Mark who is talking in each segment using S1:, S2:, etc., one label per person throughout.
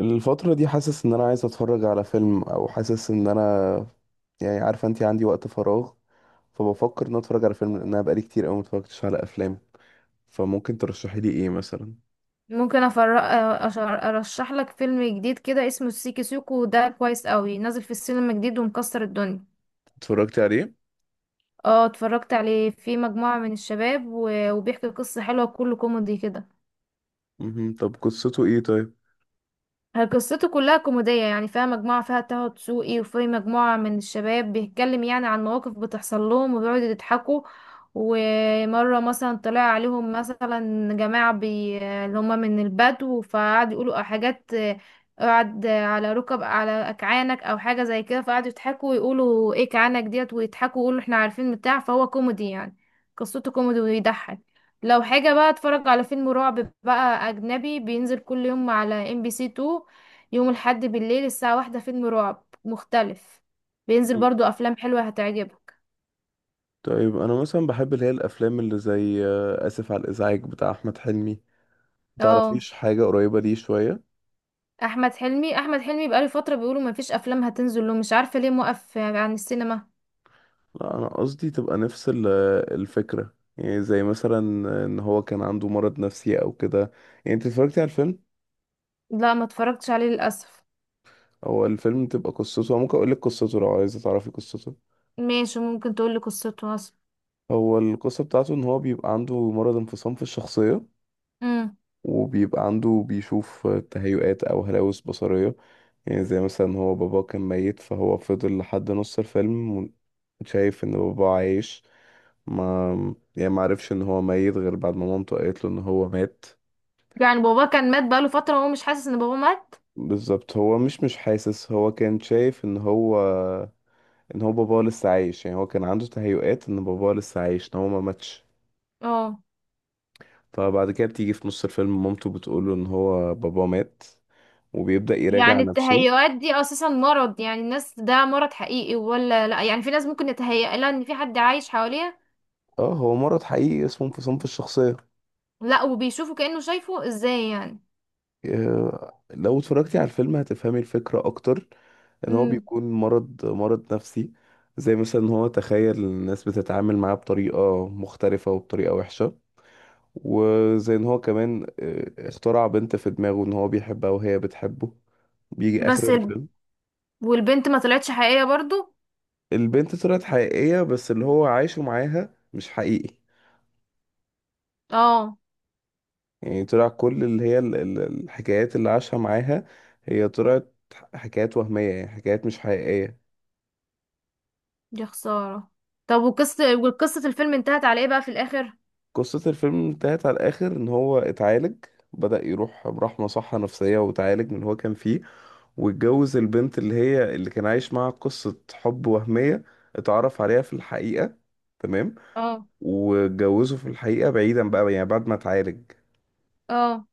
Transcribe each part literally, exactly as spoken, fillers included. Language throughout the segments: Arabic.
S1: الفترة دي حاسس ان انا عايز اتفرج على فيلم او حاسس ان انا، يعني عارفة انتي عندي وقت فراغ، فبفكر ان أنا اتفرج على فيلم لان انا بقالي كتير قوي متفرجتش على افلام. فممكن ترشحي لي ايه مثلا؟
S2: ممكن أفرق ارشح لك فيلم جديد كده اسمه السيكي سيكو ده كويس قوي، نازل في السينما جديد ومكسر الدنيا.
S1: اتفرجتي عليه؟
S2: اه، اتفرجت عليه في مجموعة من الشباب و- وبيحكي قصة حلوة، كله كوميدي كده.
S1: مهم. طب قصته ايه طيب؟
S2: هي قصته كلها كوميدية، يعني فيها مجموعة، فيها طه دسوقي وفي مجموعة من الشباب بيتكلم يعني عن مواقف بتحصل لهم وبيقعدوا يضحكوا. ومرة مثلا طلع عليهم مثلا جماعة بي... اللي هم من البدو، فقعدوا يقولوا حاجات. آه، اقعد على ركب على أكعانك أو حاجة زي كده، فقعدوا يضحكوا ويقولوا ايه كعانك ديت، ويضحكوا ويقولوا احنا عارفين بتاع، فهو كوميدي يعني. قصته كوميدي ويضحك. لو حاجة بقى، اتفرج على فيلم رعب بقى أجنبي بينزل كل يوم على ام بي سي اتنين، يوم الحد بالليل الساعة واحدة فيلم رعب مختلف. بينزل
S1: مم.
S2: برضو أفلام حلوة هتعجبك.
S1: طيب انا مثلا بحب اللي هي الافلام اللي زي آه، اسف على الازعاج بتاع احمد حلمي.
S2: اه.
S1: متعرفيش حاجة قريبة ليه شوية؟
S2: أحمد حلمي أحمد حلمي بقاله فترة بيقولوا مفيش أفلام هتنزل له، مش عارفة ليه موقف عن السينما.
S1: لا انا قصدي تبقى نفس ال- الفكرة، يعني زي مثلا ان هو كان عنده مرض نفسي او كده. يعني انت اتفرجتي على الفيلم؟
S2: لا، ما اتفرجتش عليه للأسف.
S1: هو الفيلم بتبقى قصته، ممكن اقول لك قصته لو عايزه تعرفي قصته.
S2: ماشي، ممكن تقولي قصته أصلا.
S1: هو القصه بتاعته ان هو بيبقى عنده مرض انفصام في الشخصيه،
S2: امم.
S1: وبيبقى عنده بيشوف تهيؤات او هلاوس بصريه. يعني زي مثلا هو باباه كان ميت، فهو فضل لحد نص الفيلم شايف ان باباه عايش. ما يعني ما عرفش ان هو ميت غير بعد ما مامته قالت له ان هو مات.
S2: يعني بابا كان مات بقاله فترة وهو مش حاسس إن بابا مات.
S1: بالظبط، هو مش مش حاسس، هو كان شايف ان هو، ان هو باباه لسه عايش. يعني هو كان عنده تهيؤات ان باباه لسه عايش، ان هو ما ماتش.
S2: اه.
S1: فبعد كده بتيجي في نص الفيلم مامته بتقوله ان هو باباه مات، وبيبدأ يراجع
S2: يعني
S1: نفسه.
S2: التهيؤات دي أساسا مرض؟ يعني الناس ده مرض حقيقي ولا لا؟ يعني في ناس ممكن يتهيأ لها إن في حد عايش حواليها؟
S1: اه هو مرض حقيقي اسمه انفصام في الشخصية.
S2: لا، وبيشوفه كأنه شايفه، ازاي يعني؟
S1: آه، لو اتفرجتي على الفيلم هتفهمي الفكرة اكتر. ان هو
S2: مم.
S1: بيكون مرض مرض نفسي، زي مثلا ان هو تخيل الناس بتتعامل معاه بطريقة مختلفة وبطريقة وحشة، وزي ان هو كمان آه، اخترع بنت في دماغه ان هو بيحبها وهي بتحبه. بيجي اخر
S2: بس ال...
S1: الفيلم،
S2: والبنت ما طلعتش حقيقية برضو؟
S1: البنت طلعت حقيقية بس اللي هو عايشه معاها مش حقيقي.
S2: اه.
S1: يعني طلع كل اللي هي ال- ال- الحكايات اللي عاشها معاها، هي طلعت ح- حكايات وهمية، يعني حكايات مش حقيقية.
S2: دي خسارة. طب وقصة وقصة الفيلم انتهت على ايه بقى في الآخر؟
S1: قصة الفيلم انتهت على الآخر إن هو اتعالج، بدأ يروح راح مصحة نفسية واتعالج من اللي هو كان فيه، واتجوز البنت اللي هي اللي كان عايش معاها قصة حب وهمية، اتعرف عليها في الحقيقة. تمام.
S2: اه.
S1: واتجوزه في الحقيقة بعيدا بقى، يعني بعد ما اتعالج.
S2: اه.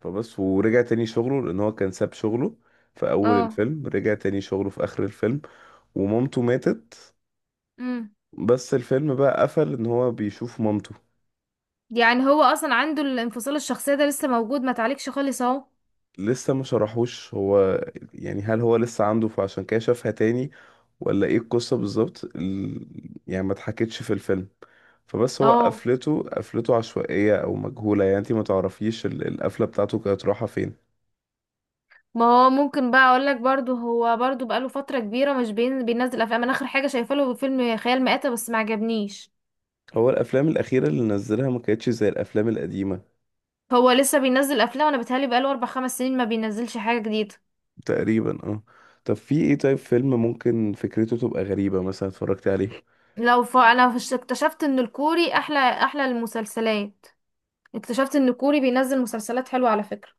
S1: فبس ورجع تاني شغله، لان هو كان ساب شغله في اول
S2: اه.
S1: الفيلم، رجع تاني شغله في اخر الفيلم. ومامته ماتت،
S2: امم.
S1: بس الفيلم بقى قفل ان هو بيشوف مامته.
S2: يعني هو اصلا عنده الانفصال الشخصية ده لسه موجود، ما تعليقش خالص اهو؟
S1: لسه ما شرحوش هو، يعني هل هو لسه عنده فعشان كده شافها تاني، ولا ايه القصة بالظبط؟ ال- يعني ما اتحكتش في الفيلم. فبس هو
S2: اه.
S1: قفلته قفلته عشوائية او مجهولة، يعني انت ما تعرفيش ال- القفلة بتاعته كانت رايحة فين.
S2: ما هو ممكن بقى اقول لك برضو، هو برضو بقاله فترة كبيرة مش بين... بينزل افلام. انا اخر حاجة شايفه له فيلم خيال مآتة، بس ما عجبنيش.
S1: هو الافلام الاخيرة اللي نزلها ما كانتش زي الافلام القديمة.
S2: هو لسه بينزل افلام؟ انا بتهيألي بقاله اربع خمس سنين ما بينزلش حاجة جديدة.
S1: تقريبا اه. طب في ايه طيب فيلم ممكن فكرته تبقى غريبة مثلا اتفرجت عليه؟
S2: لو ف... انا فش- اكتشفت ان الكوري احلى احلى المسلسلات. اكتشفت ان الكوري بينزل مسلسلات حلوة على فكرة.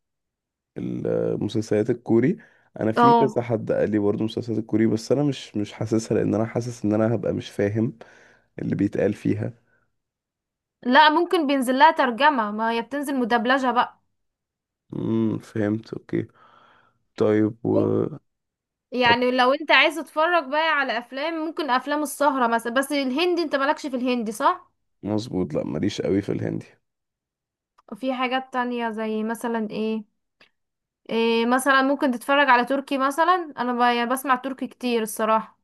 S1: المسلسلات الكوري، انا في كذا
S2: اه.
S1: حد قال لي برضه مسلسلات الكوري، بس انا مش مش حاسسها، لان انا حاسس ان انا هبقى مش فاهم اللي بيتقال فيها.
S2: لا، ممكن بينزل لها ترجمة، ما هي بتنزل مدبلجة بقى.
S1: امم، فهمت، اوكي. طيب و،
S2: مم-
S1: طب
S2: يعني لو انت عايز تتفرج بقى على افلام، ممكن افلام السهرة مثلا، بس الهندي انت مالكش في الهندي، صح؟
S1: مظبوط، لا ماليش قوي في الهندي.
S2: وفي حاجات تانية زي مثلا ايه, إيه مثلا ممكن تتفرج على تركي مثلا، انا ب... يعني بسمع تركي كتير الصراحة.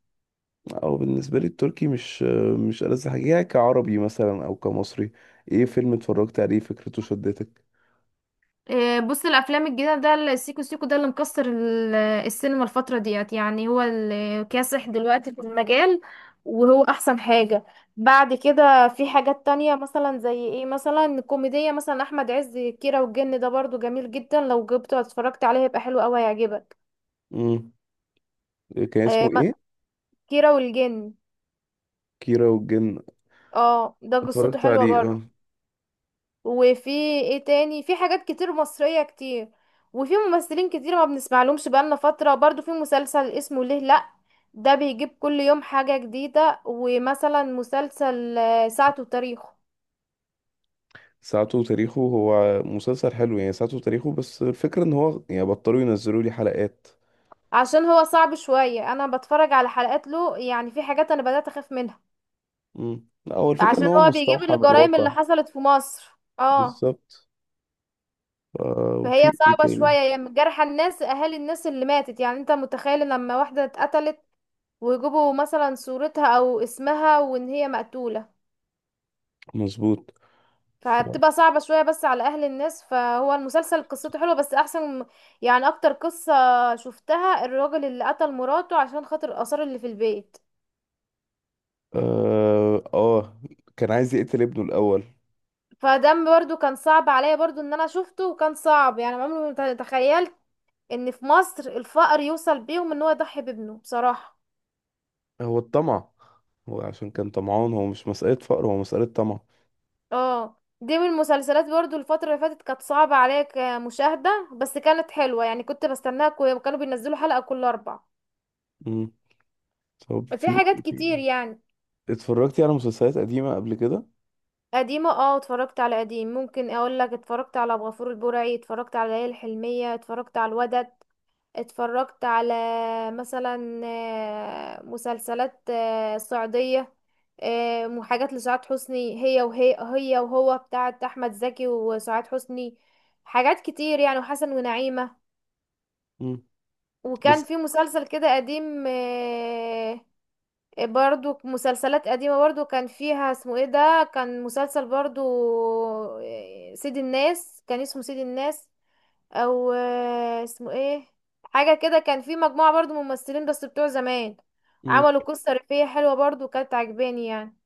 S1: او بالنسبة لي التركي مش مش ألذ حاجة، يعني كعربي مثلا او كمصري. ايه فيلم اتفرجت عليه فكرته شدتك؟
S2: إيه، بص، الافلام الجديده ده السيكو سيكو ده اللي مكسر ال- السينما الفتره ديت، يعني هو اللي كاسح دلوقتي في المجال، وهو احسن حاجه. بعد كده في حاجات تانية مثلا زي ايه مثلا، كوميديه مثلا احمد عز كيرة والجن، ده برضو جميل جدا، لو جبته اتفرجت عليه هيبقى حلو قوي هيعجبك.
S1: امم، كان
S2: إيه،
S1: اسمه
S2: ما-
S1: ايه؟
S2: كيرة والجن.
S1: كيرة والجن؟
S2: اه، ده قصته
S1: اتفرجت
S2: حلوه
S1: عليه
S2: برضو.
S1: اه.
S2: وفي ايه تاني، في حاجات كتير مصرية كتير. وفي ممثلين كتير ما بنسمع لهمش بقالنا فترة، برضو في مسلسل اسمه ليه لأ، ده بيجيب كل يوم حاجة جديدة. ومثلا مسلسل آه، ساعته وتاريخه،
S1: ساعته وتاريخه هو مسلسل حلو، يعني ساعته وتاريخه، بس الفكرة ان هو يعني بطلوا ينزلوا لي حلقات.
S2: عشان هو صعب شوية، انا بتفرج على حلقات له يعني، في حاجات انا بدأت اخاف منها،
S1: امم، لا هو الفكرة ان
S2: عشان
S1: هو
S2: هو بيجيب
S1: مستوحى من
S2: الجرائم
S1: الواقع.
S2: اللي حصلت في مصر. اه.
S1: بالظبط. آه
S2: فهي
S1: وفي ايه
S2: صعبة
S1: تاني؟
S2: شوية، يعني جرح الناس، اهالي الناس اللي ماتت، يعني انت متخيل لما واحدة اتقتلت ويجيبوا مثلا صورتها او اسمها وان هي مقتولة؟
S1: مظبوط. ف...
S2: فبتبقى صعبة شوية بس على اهل الناس. فهو المسلسل قصته حلوة بس احسن. يعني اكتر قصة شفتها الراجل اللي قتل مراته عشان خاطر الاثار اللي في البيت،
S1: اه، آه، كان عايز يقتل ابنه الاول.
S2: فده برضو كان صعب عليا، برضو ان انا شفته وكان صعب، يعني عمري ما تخيلت ان في مصر الفقر يوصل بيهم ان هو يضحي بابنه بصراحة.
S1: هو الطمع، هو عشان كان طمعان، هو مش مسألة فقر، هو مسألة طمع.
S2: اه، دي من المسلسلات برضو الفترة اللي فاتت، كانت صعبة عليا كمشاهدة بس كانت حلوة، يعني كنت بستناها، كو- كانوا بينزلوا حلقة كل أربع.
S1: امم. طب
S2: في
S1: في
S2: حاجات
S1: إيه
S2: كتير
S1: تاني؟
S2: يعني.
S1: اتفرجتي على مسلسلات قديمة قبل كده؟
S2: قديمة اه، اتفرجت على قديم. ممكن اقول لك اتفرجت على أبو غفور البرعي، اتفرجت على ليالي الحلمية، اتفرجت على الودد، اتفرجت على مثلا آه، مسلسلات آه، صعيدية، آه، وحاجات لسعاد حسني، هي وهي هي وهو بتاعت أحمد زكي وسعاد حسني، حاجات كتير يعني، وحسن ونعيمة.
S1: امم.
S2: وكان
S1: بس.
S2: في مسلسل كده قديم، آه، آه، برضو مسلسلات قديمة، برضو كان فيها اسمه ايه ده، كان مسلسل برضو، آه، سيد الناس، كان اسمه سيد الناس او آه، اسمه ايه حاجة كده. كان في مجموعة برضو ممثلين بس بتوع زمان، عملوا قصة ريفية حلوة برضو كانت عجباني يعني.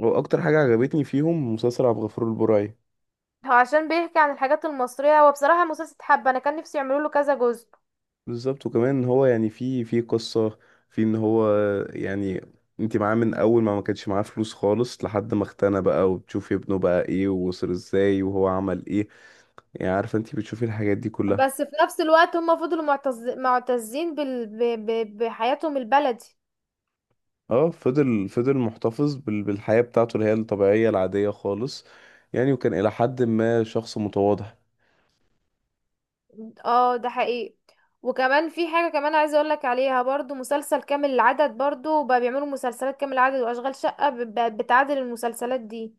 S1: واكتر حاجه عجبتني فيهم مسلسل عبد الغفور البرعي.
S2: هو عشان بيحكي عن الحاجات المصرية، هو بصراحة مسلسل حبة، انا كان نفسي يعملوا له كذا جزء.
S1: بالظبط، وكمان ان هو يعني في في قصه، في ان هو يعني انت معاه من اول ما ما كانش معاه فلوس خالص لحد ما اغتنى بقى، وبتشوفي ابنه بقى ايه ووصل ازاي وهو عمل ايه. يعني عارفه انت بتشوفي الحاجات دي كلها.
S2: بس في نفس الوقت هم فضلوا معتز... معتزين بال... ب... ب... بحياتهم البلدي.
S1: اه فضل فضل محتفظ بال- بالحياه بتاعته اللي هي الطبيعيه العاديه خالص. يعني وكان الى حد ما شخص متواضع.
S2: اه، ده حقيقي. وكمان في حاجة كمان عايزة اقولك عليها برضو، مسلسل كامل العدد، برضو بقى بيعملوا مسلسلات كامل العدد واشغال شقة ب- ب- بتعادل المسلسلات دي.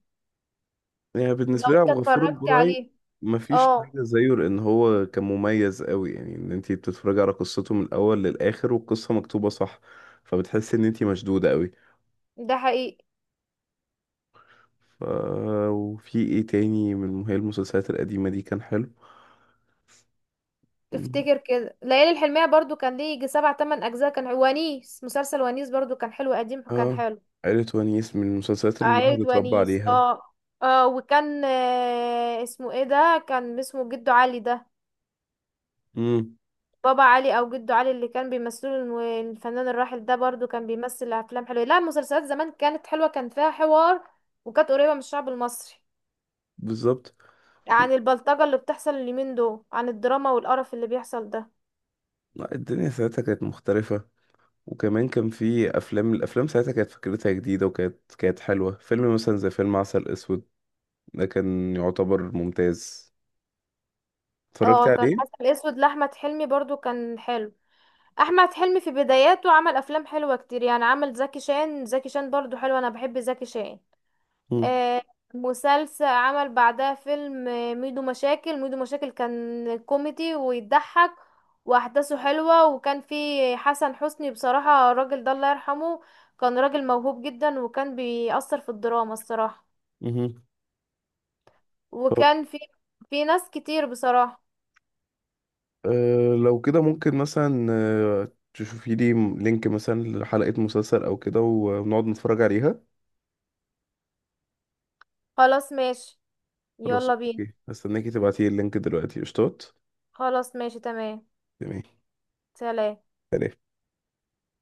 S1: يعني
S2: لو
S1: بالنسبة لي
S2: انت
S1: عبد الغفور
S2: اتفرجت
S1: البرعي
S2: عليه.
S1: مفيش
S2: اه،
S1: حاجة زيه، لأن هو كان مميز قوي، يعني إن أنتي بتتفرجي على قصته من الأول للآخر والقصة مكتوبة صح، فبتحسي إن أنتي مشدودة قوي.
S2: ده حقيقي.
S1: ف... وفي إيه تاني من هي المسلسلات القديمة دي كان حلو؟ مم.
S2: افتكر كده ليالي الحلمية برضو كان ليه يجي سبع تمن اجزاء كان. ونيس، مسلسل ونيس برضو كان حلو قديم، كان
S1: آه،
S2: حلو.
S1: عائلة ونيس من المسلسلات اللي الواحد
S2: عائلة
S1: اتربى
S2: ونيس.
S1: عليها.
S2: اه اه. وكان آه اسمه ايه ده، كان اسمه جدو علي ده،
S1: مم.
S2: بابا علي او جدو علي، اللي كان بيمثلوا الم- الفنان الراحل ده برضو كان بيمثل افلام حلوه. لا، المسلسلات زمان كانت حلوه، كان فيها حوار وكانت قريبه من الشعب المصري،
S1: بالظبط. و...
S2: عن البلطجه اللي بتحصل اليومين دول، عن الدراما والقرف اللي بيحصل ده.
S1: لا الدنيا ساعتها كانت مختلفة، وكمان كان في أفلام. الأفلام ساعتها كانت فكرتها جديدة وكانت كانت حلوة. فيلم مثلا زي فيلم عسل أسود، ده كان يعتبر ممتاز. اتفرجت
S2: اه، كان
S1: عليه؟
S2: عسل اسود لاحمد حلمي برضو كان حلو. احمد حلمي في بداياته عمل افلام حلوه كتير يعني، عمل زكي شان زكي شان برضو حلو، انا بحب زكي شان.
S1: مم.
S2: آه، مسلسل، عمل بعدها فيلم آه، ميدو مشاكل ميدو مشاكل كان كوميدي ويضحك، واحداثه حلوة. وكان فيه حسن حسني، بصراحة الراجل ده الله يرحمه، كان راجل موهوب جدا وكان بيأثر في الدراما الصراحة.
S1: مهم. طب
S2: وكان في، في ناس كتير بصراحة.
S1: أه لو كده ممكن مثلا أه تشوفي لي م- لينك مثلا لحلقة مسلسل او كده، ونقعد نتفرج عليها.
S2: خلاص ماشي.
S1: خلاص
S2: يلا بينا.
S1: اوكي، هستناكي تبعتي اللينك دلوقتي، قشطات.
S2: خلاص ماشي، تمام.
S1: تمام.
S2: سلام.
S1: سلام.